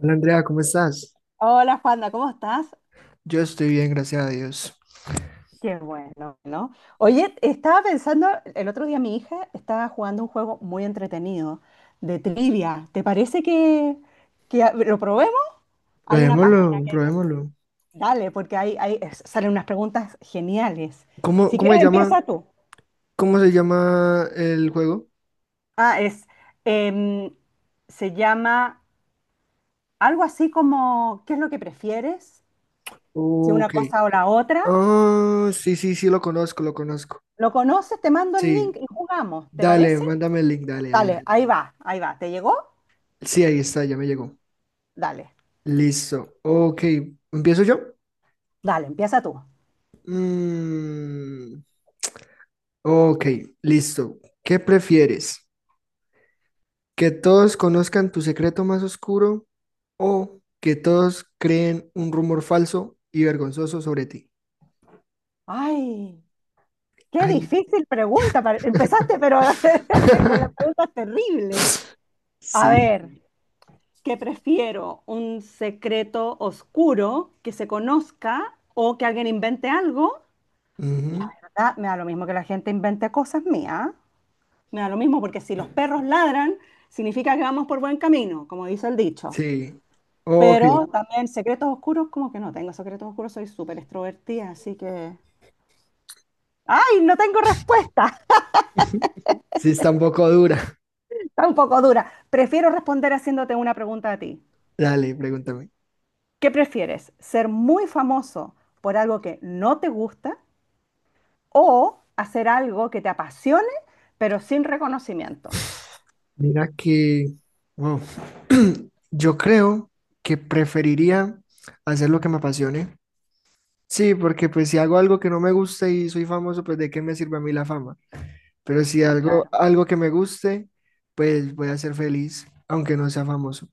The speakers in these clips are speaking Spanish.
Hola Andrea, ¿cómo estás? Hola Juanda, ¿cómo estás? Yo estoy bien, gracias a Dios. Qué bueno, ¿no? Oye, estaba pensando, el otro día mi hija estaba jugando un juego muy entretenido de trivia. ¿Te parece que lo probemos? Hay una Probémoslo, página, probémoslo. dale, porque salen unas preguntas geniales. ¿Cómo, Si cómo se quieres, llama, empieza tú. cómo se llama el juego? Ah, em, se llama algo así como, ¿qué es lo que prefieres? Si una Ok. cosa o la otra. Ah, sí, sí, sí, lo conozco, lo conozco. ¿Lo conoces? Te mando el Sí, link y jugamos, ¿te dale, parece? mándame el link, dale, dale. Dale, ahí va, ahí va. ¿Te llegó? Sí, ahí está, ya me llegó. Dale. Listo. Ok, ¿empiezo yo? Dale, empieza tú. Mm, ok, listo. ¿Qué prefieres? Que todos conozcan tu secreto más oscuro o que todos creen un rumor falso y vergonzoso sobre ti. Ay, qué Ay. difícil pregunta. Empezaste, pero con las preguntas terribles. A Sí. ver, ¿qué prefiero? ¿Un secreto oscuro que se conozca o que alguien invente algo? La Ujú. verdad, me da lo mismo que la gente invente cosas mías. Me da lo mismo porque si los perros ladran, significa que vamos por buen camino, como dice el dicho. Sí. Ok. Pero también secretos oscuros, como que no tengo secretos oscuros, soy súper extrovertida, así que. ¡Ay, no tengo respuesta! Sí, está un poco dura. Está un poco dura. Prefiero responder haciéndote una pregunta a ti. Dale, pregúntame. ¿Qué prefieres? ¿Ser muy famoso por algo que no te gusta o hacer algo que te apasione pero sin reconocimiento? Mira que, wow. Yo creo que preferiría hacer lo que me apasione. Sí, porque pues si hago algo que no me gusta y soy famoso, pues ¿de qué me sirve a mí la fama? Pero si Y algo, claro. algo que me guste, pues voy a ser feliz, aunque no sea famoso.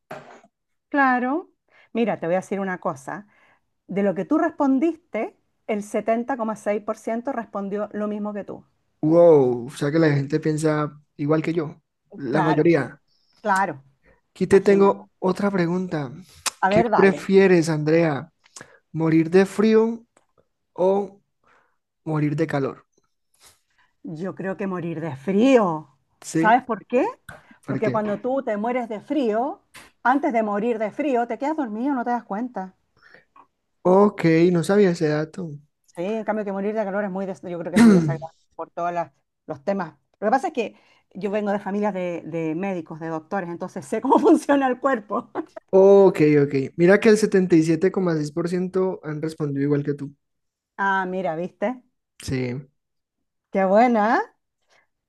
Claro. Mira, te voy a decir una cosa. De lo que tú respondiste, el 70,6% respondió lo mismo que tú. Wow, o sea que la gente piensa igual que yo, la Claro, mayoría. claro. Aquí te Imagínate. tengo otra pregunta. A ¿Qué ver, dale. prefieres, Andrea? ¿Morir de frío o morir de calor? Yo creo que morir de frío. ¿Sí? ¿Sabes por qué? ¿Por Porque qué? cuando tú te mueres de frío, antes de morir de frío, te quedas dormido, no te das cuenta. Ok, no sabía ese dato. Sí, en cambio que morir de calor es muy, yo creo que es muy desagradable por todos los temas. Lo que pasa es que yo vengo de familias de médicos, de doctores, entonces sé cómo funciona el cuerpo. Ok, ok. Mira que el 77,6% han respondido igual que tú. Ah, mira, ¿viste? Sí. Qué buena, ¿eh?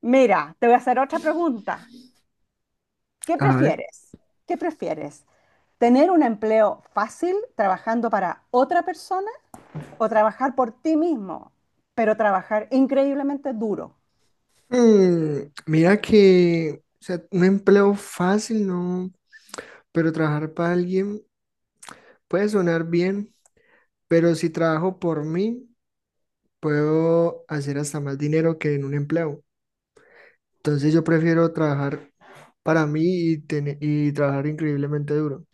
Mira, te voy a hacer otra pregunta. ¿Qué A ver. prefieres? ¿Qué prefieres? ¿Tener un empleo fácil trabajando para otra persona o trabajar por ti mismo, pero trabajar increíblemente duro? Mira que, o sea, un empleo fácil, ¿no? Pero trabajar para alguien puede sonar bien, pero si trabajo por mí, puedo hacer hasta más dinero que en un empleo. Entonces yo prefiero trabajar para mí y, tener, y trabajar increíblemente duro.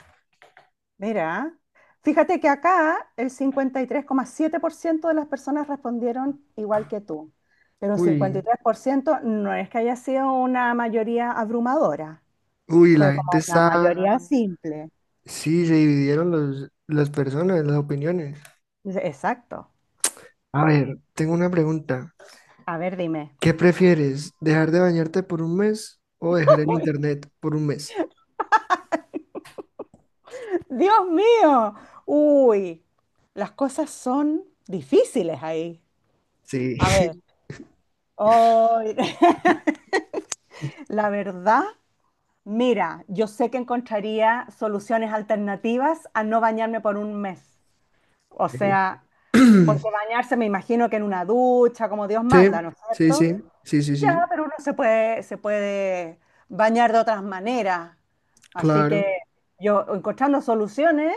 Mira, fíjate que acá el 53,7% de las personas respondieron igual que tú, pero un Uy, 53% no es que haya sido una mayoría abrumadora, uy, fue la como gente una está, mayoría, claro, simple. sí, se dividieron los, las personas, las opiniones. Dice, exacto. A ver, tengo una pregunta. A ver, dime. ¿Qué prefieres, dejar de bañarte por un mes o dejar el Bueno, internet por un mes? Dios mío, uy, las cosas son difíciles ahí. Sí. A ver, hoy, la verdad, mira, yo sé que encontraría soluciones alternativas a no bañarme por un mes. O sea, porque bañarse me imagino que en una ducha, como Dios Sí, manda, ¿no es sí, cierto? sí, sí, sí, Ya, sí, pero uno se puede bañar de otras maneras. Así claro, que yo encontrando soluciones,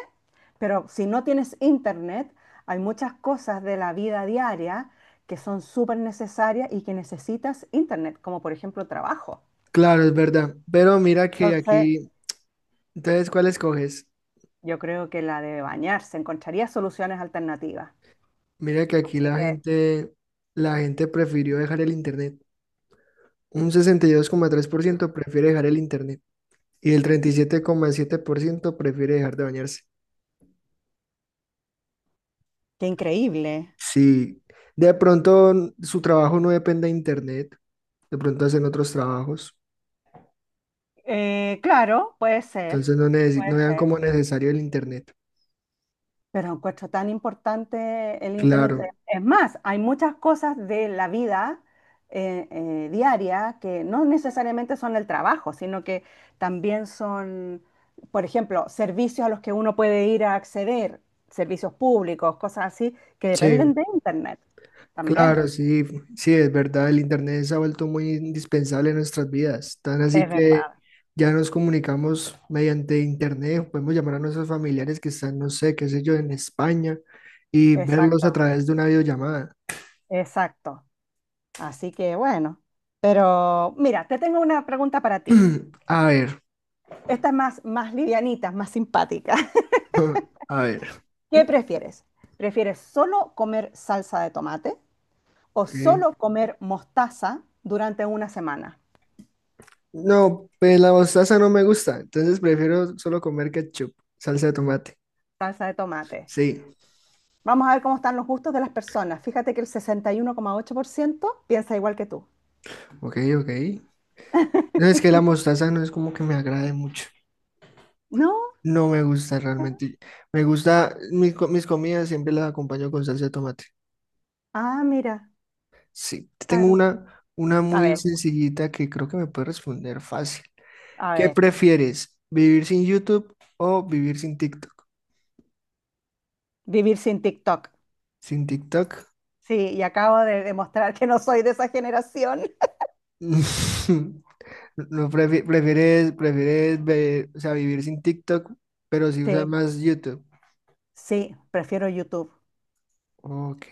pero si no tienes internet, hay muchas cosas de la vida diaria que son súper necesarias y que necesitas internet, como por ejemplo trabajo. claro, es verdad. Pero mira que Entonces, aquí, entonces, ¿cuál escoges? yo creo que la de bañarse, encontraría soluciones alternativas. Mira que aquí Así que, la gente prefirió dejar el internet. Un 62,3% prefiere dejar el internet y el treinta y siete coma siete por ciento prefiere dejar de bañarse. qué increíble. Sí, de pronto su trabajo no depende de internet, de pronto hacen otros trabajos, Claro, puede ser, entonces no, no puede vean ser. como necesario el internet. Pero encuentro tan importante el Internet. Claro, Es más, hay muchas cosas de la vida diaria que no necesariamente son el trabajo, sino que también son, por ejemplo, servicios a los que uno puede ir a acceder, servicios públicos, cosas así, que sí, dependen de Internet también. claro, sí, sí, es verdad, el Internet se ha vuelto muy indispensable en nuestras vidas, tan Es así que verdad, ya nos comunicamos mediante Internet, podemos llamar a nuestros familiares que están, no sé, qué sé yo, en España y verlos a exacto. través de una videollamada. Exacto. Así que bueno, pero mira, te tengo una pregunta para ti. A ver, Esta es más, más livianita, más simpática. a ver, ¿Qué prefieres? ¿Prefieres solo comer salsa de tomate o ok. solo comer mostaza durante una semana? No, pues la mostaza no me gusta, entonces prefiero solo comer ketchup, salsa de tomate. Salsa de tomate. Sí, Vamos a ver cómo están los gustos de las personas. Fíjate que el 61,8% piensa igual que tú. ok, ok. No, es que la mostaza no es como que me agrade mucho. ¿No? No me gusta realmente. Me gusta, mis comidas siempre las acompaño con salsa de tomate. Ah, mira. Sí, tengo una A, no, muy ver, sencillita que creo que me puede responder fácil. a ¿Qué ver. prefieres? ¿Vivir sin YouTube o vivir sin TikTok? Vivir sin TikTok. ¿Sin TikTok? Sí, y acabo de demostrar que no soy de esa generación. No, prefieres, prefieres o sea, vivir sin TikTok, pero si usas Sí. más YouTube. Sí, prefiero YouTube. Ok.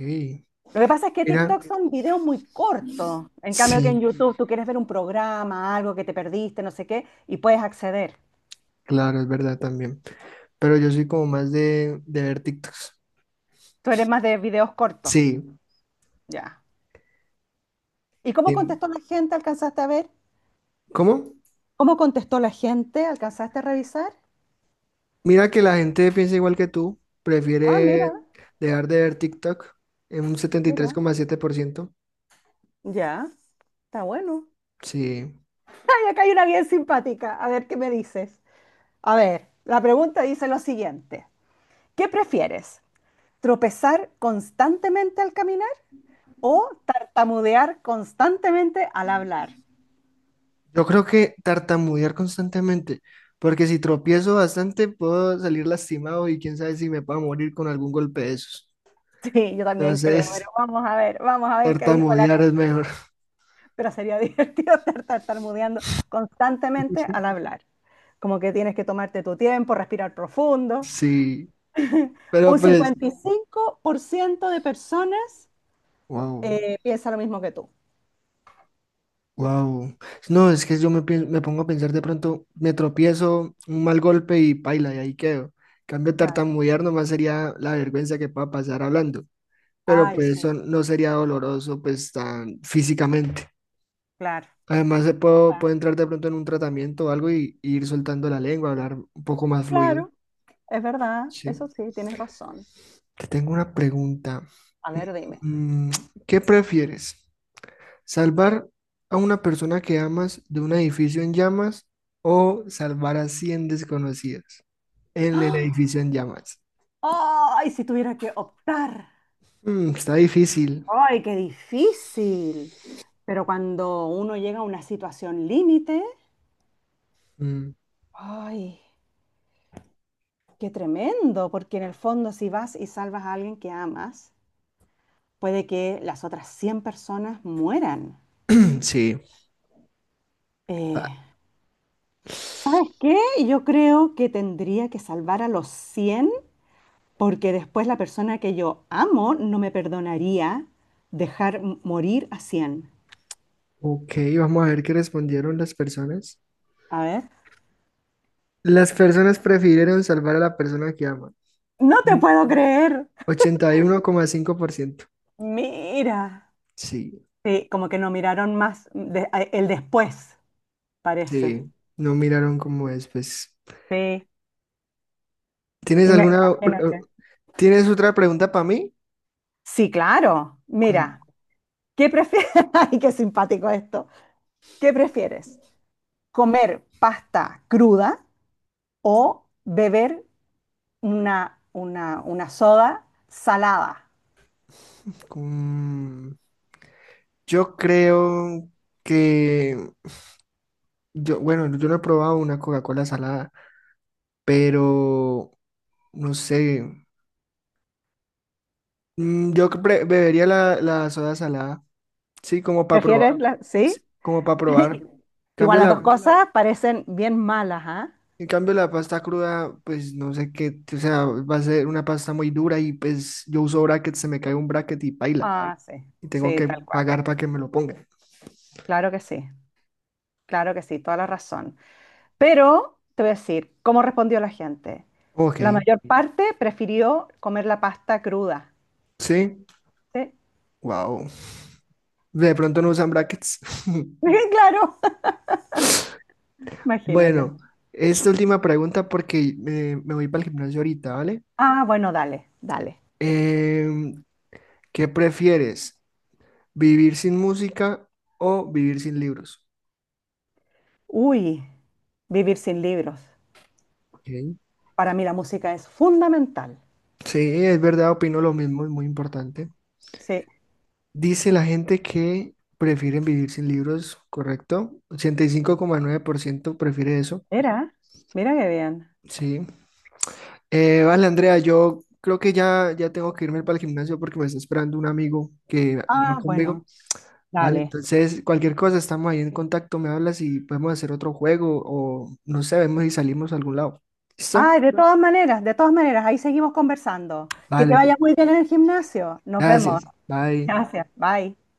Lo que pasa es que Mira, TikTok son videos muy cortos. En cambio que en sí, YouTube tú quieres ver un programa, algo que te perdiste, no sé qué, y puedes acceder. claro, es verdad también. Pero yo soy como más de ver TikToks. Tú eres más de videos cortos. Sí. Ya. ¿Y cómo En- contestó la gente? ¿Alcanzaste a ver? ¿Cómo? ¿Cómo contestó la gente? ¿Alcanzaste a revisar? Mira que la gente piensa igual que tú, Ah, prefiere mira, dejar de ver TikTok en un setenta y tres mira. coma siete por ciento. Ya, está bueno. Sí, Ay, acá hay una bien simpática. A ver, ¿qué me dices? A ver, la pregunta dice lo siguiente. ¿Qué prefieres? ¿Tropezar constantemente al caminar o tartamudear constantemente al hablar? yo creo que tartamudear constantemente, porque si tropiezo bastante puedo salir lastimado y quién sabe si me puedo morir con algún golpe de esos. Sí, yo también creo, Entonces, pero vamos a ver qué dijo la. tartamudear es mejor. Pero sería divertido estar tartamudeando constantemente al hablar. Como que tienes que tomarte tu tiempo, respirar profundo. Sí, pero Un pues, 55% de personas wow. Piensa lo mismo que tú. Wow. No, es que yo me pongo a pensar de pronto, me tropiezo, un mal golpe y paila, y ahí quedo. Cambio Claro. tartamudear nomás sería la vergüenza que pueda pasar hablando, pero Ay, pues sí, eso no sería doloroso pues tan físicamente. claro. Además, puedo Claro, entrar de pronto en un tratamiento o algo y ir soltando la lengua, hablar un poco más fluido. claro, es verdad, Sí. eso sí, tienes razón. Te tengo una pregunta. A ver, dime. Mm, ¿Qué prefieres? Salvar a una persona que amas de un edificio en llamas o salvar a 100 desconocidos en el ¡Ah! edificio en llamas. Ay, si tuviera que optar. Está difícil. Ay, qué difícil. Pero cuando uno llega a una situación límite, Mm, ay, qué tremendo, porque en el fondo si vas y salvas a alguien que amas, puede que las otras 100 personas mueran. sí. Eh, Ah, ¿Sabes qué? Yo creo que tendría que salvar a los 100, porque después la persona que yo amo no me perdonaría dejar morir a 100. ok, vamos a ver qué respondieron las personas. A ver. Las personas prefirieron salvar a la persona que aman. No te Mm, puedo creer. 81,5%. Mira. Sí, Sí, como que no miraron más el después, parece. sí. No miraron cómo es, pues. Sí. ¿Tienes Y me- Imagínate. Otra pregunta para mí? Sí, claro. ¿Cuál? Mira, ¿qué prefieres? Ay, qué simpático esto. ¿Qué prefieres? ¿Comer pasta cruda o beber una soda salada? Mm, Yo creo que yo, bueno, yo no he probado una Coca-Cola salada, pero no sé. Yo bebería la soda salada, sí, como para probar, ¿Prefieres la? sí, ¿Sí? como para probar. Igual Cambio las la, dos cosas parecen bien malas, ¿ah? en cambio la pasta cruda, pues no sé qué, o sea, va a ser una pasta muy dura y pues yo uso bracket, se me cae un bracket y paila, Ah, sí. y tengo Sí, tal que cual. pagar para que me lo pongan. Claro que sí. Claro que sí, toda la razón. Pero te voy a decir cómo respondió la gente. Ok, La mayor parte prefirió comer la pasta cruda. sí, ¿Sí? wow. De pronto no usan brackets. Claro, imagínate. Bueno, esta última pregunta porque me voy para el gimnasio ahorita, ¿vale? Ah, bueno, dale, dale. Em, ¿Qué prefieres? ¿Vivir sin música o vivir sin libros? Uy, vivir sin libros. Ok. Para mí la música es fundamental. Sí, es verdad, opino lo mismo, es muy importante. Sí. Dice la gente que prefieren vivir sin libros, ¿correcto? 85,9% prefiere eso, Mira, mira qué bien. sí. Vale, Andrea, yo creo que ya tengo que irme para el gimnasio porque me está esperando un amigo que va Ah, conmigo. bueno, Vale, dale. entonces cualquier cosa, estamos ahí en contacto, me hablas y podemos hacer otro juego o no sé, vemos si salimos a algún lado. ¿Listo? Ay, de todas maneras, ahí seguimos conversando. Que te Vale, vaya muy bien en el gimnasio. Nos vemos. gracias. Bye. Gracias. Bye.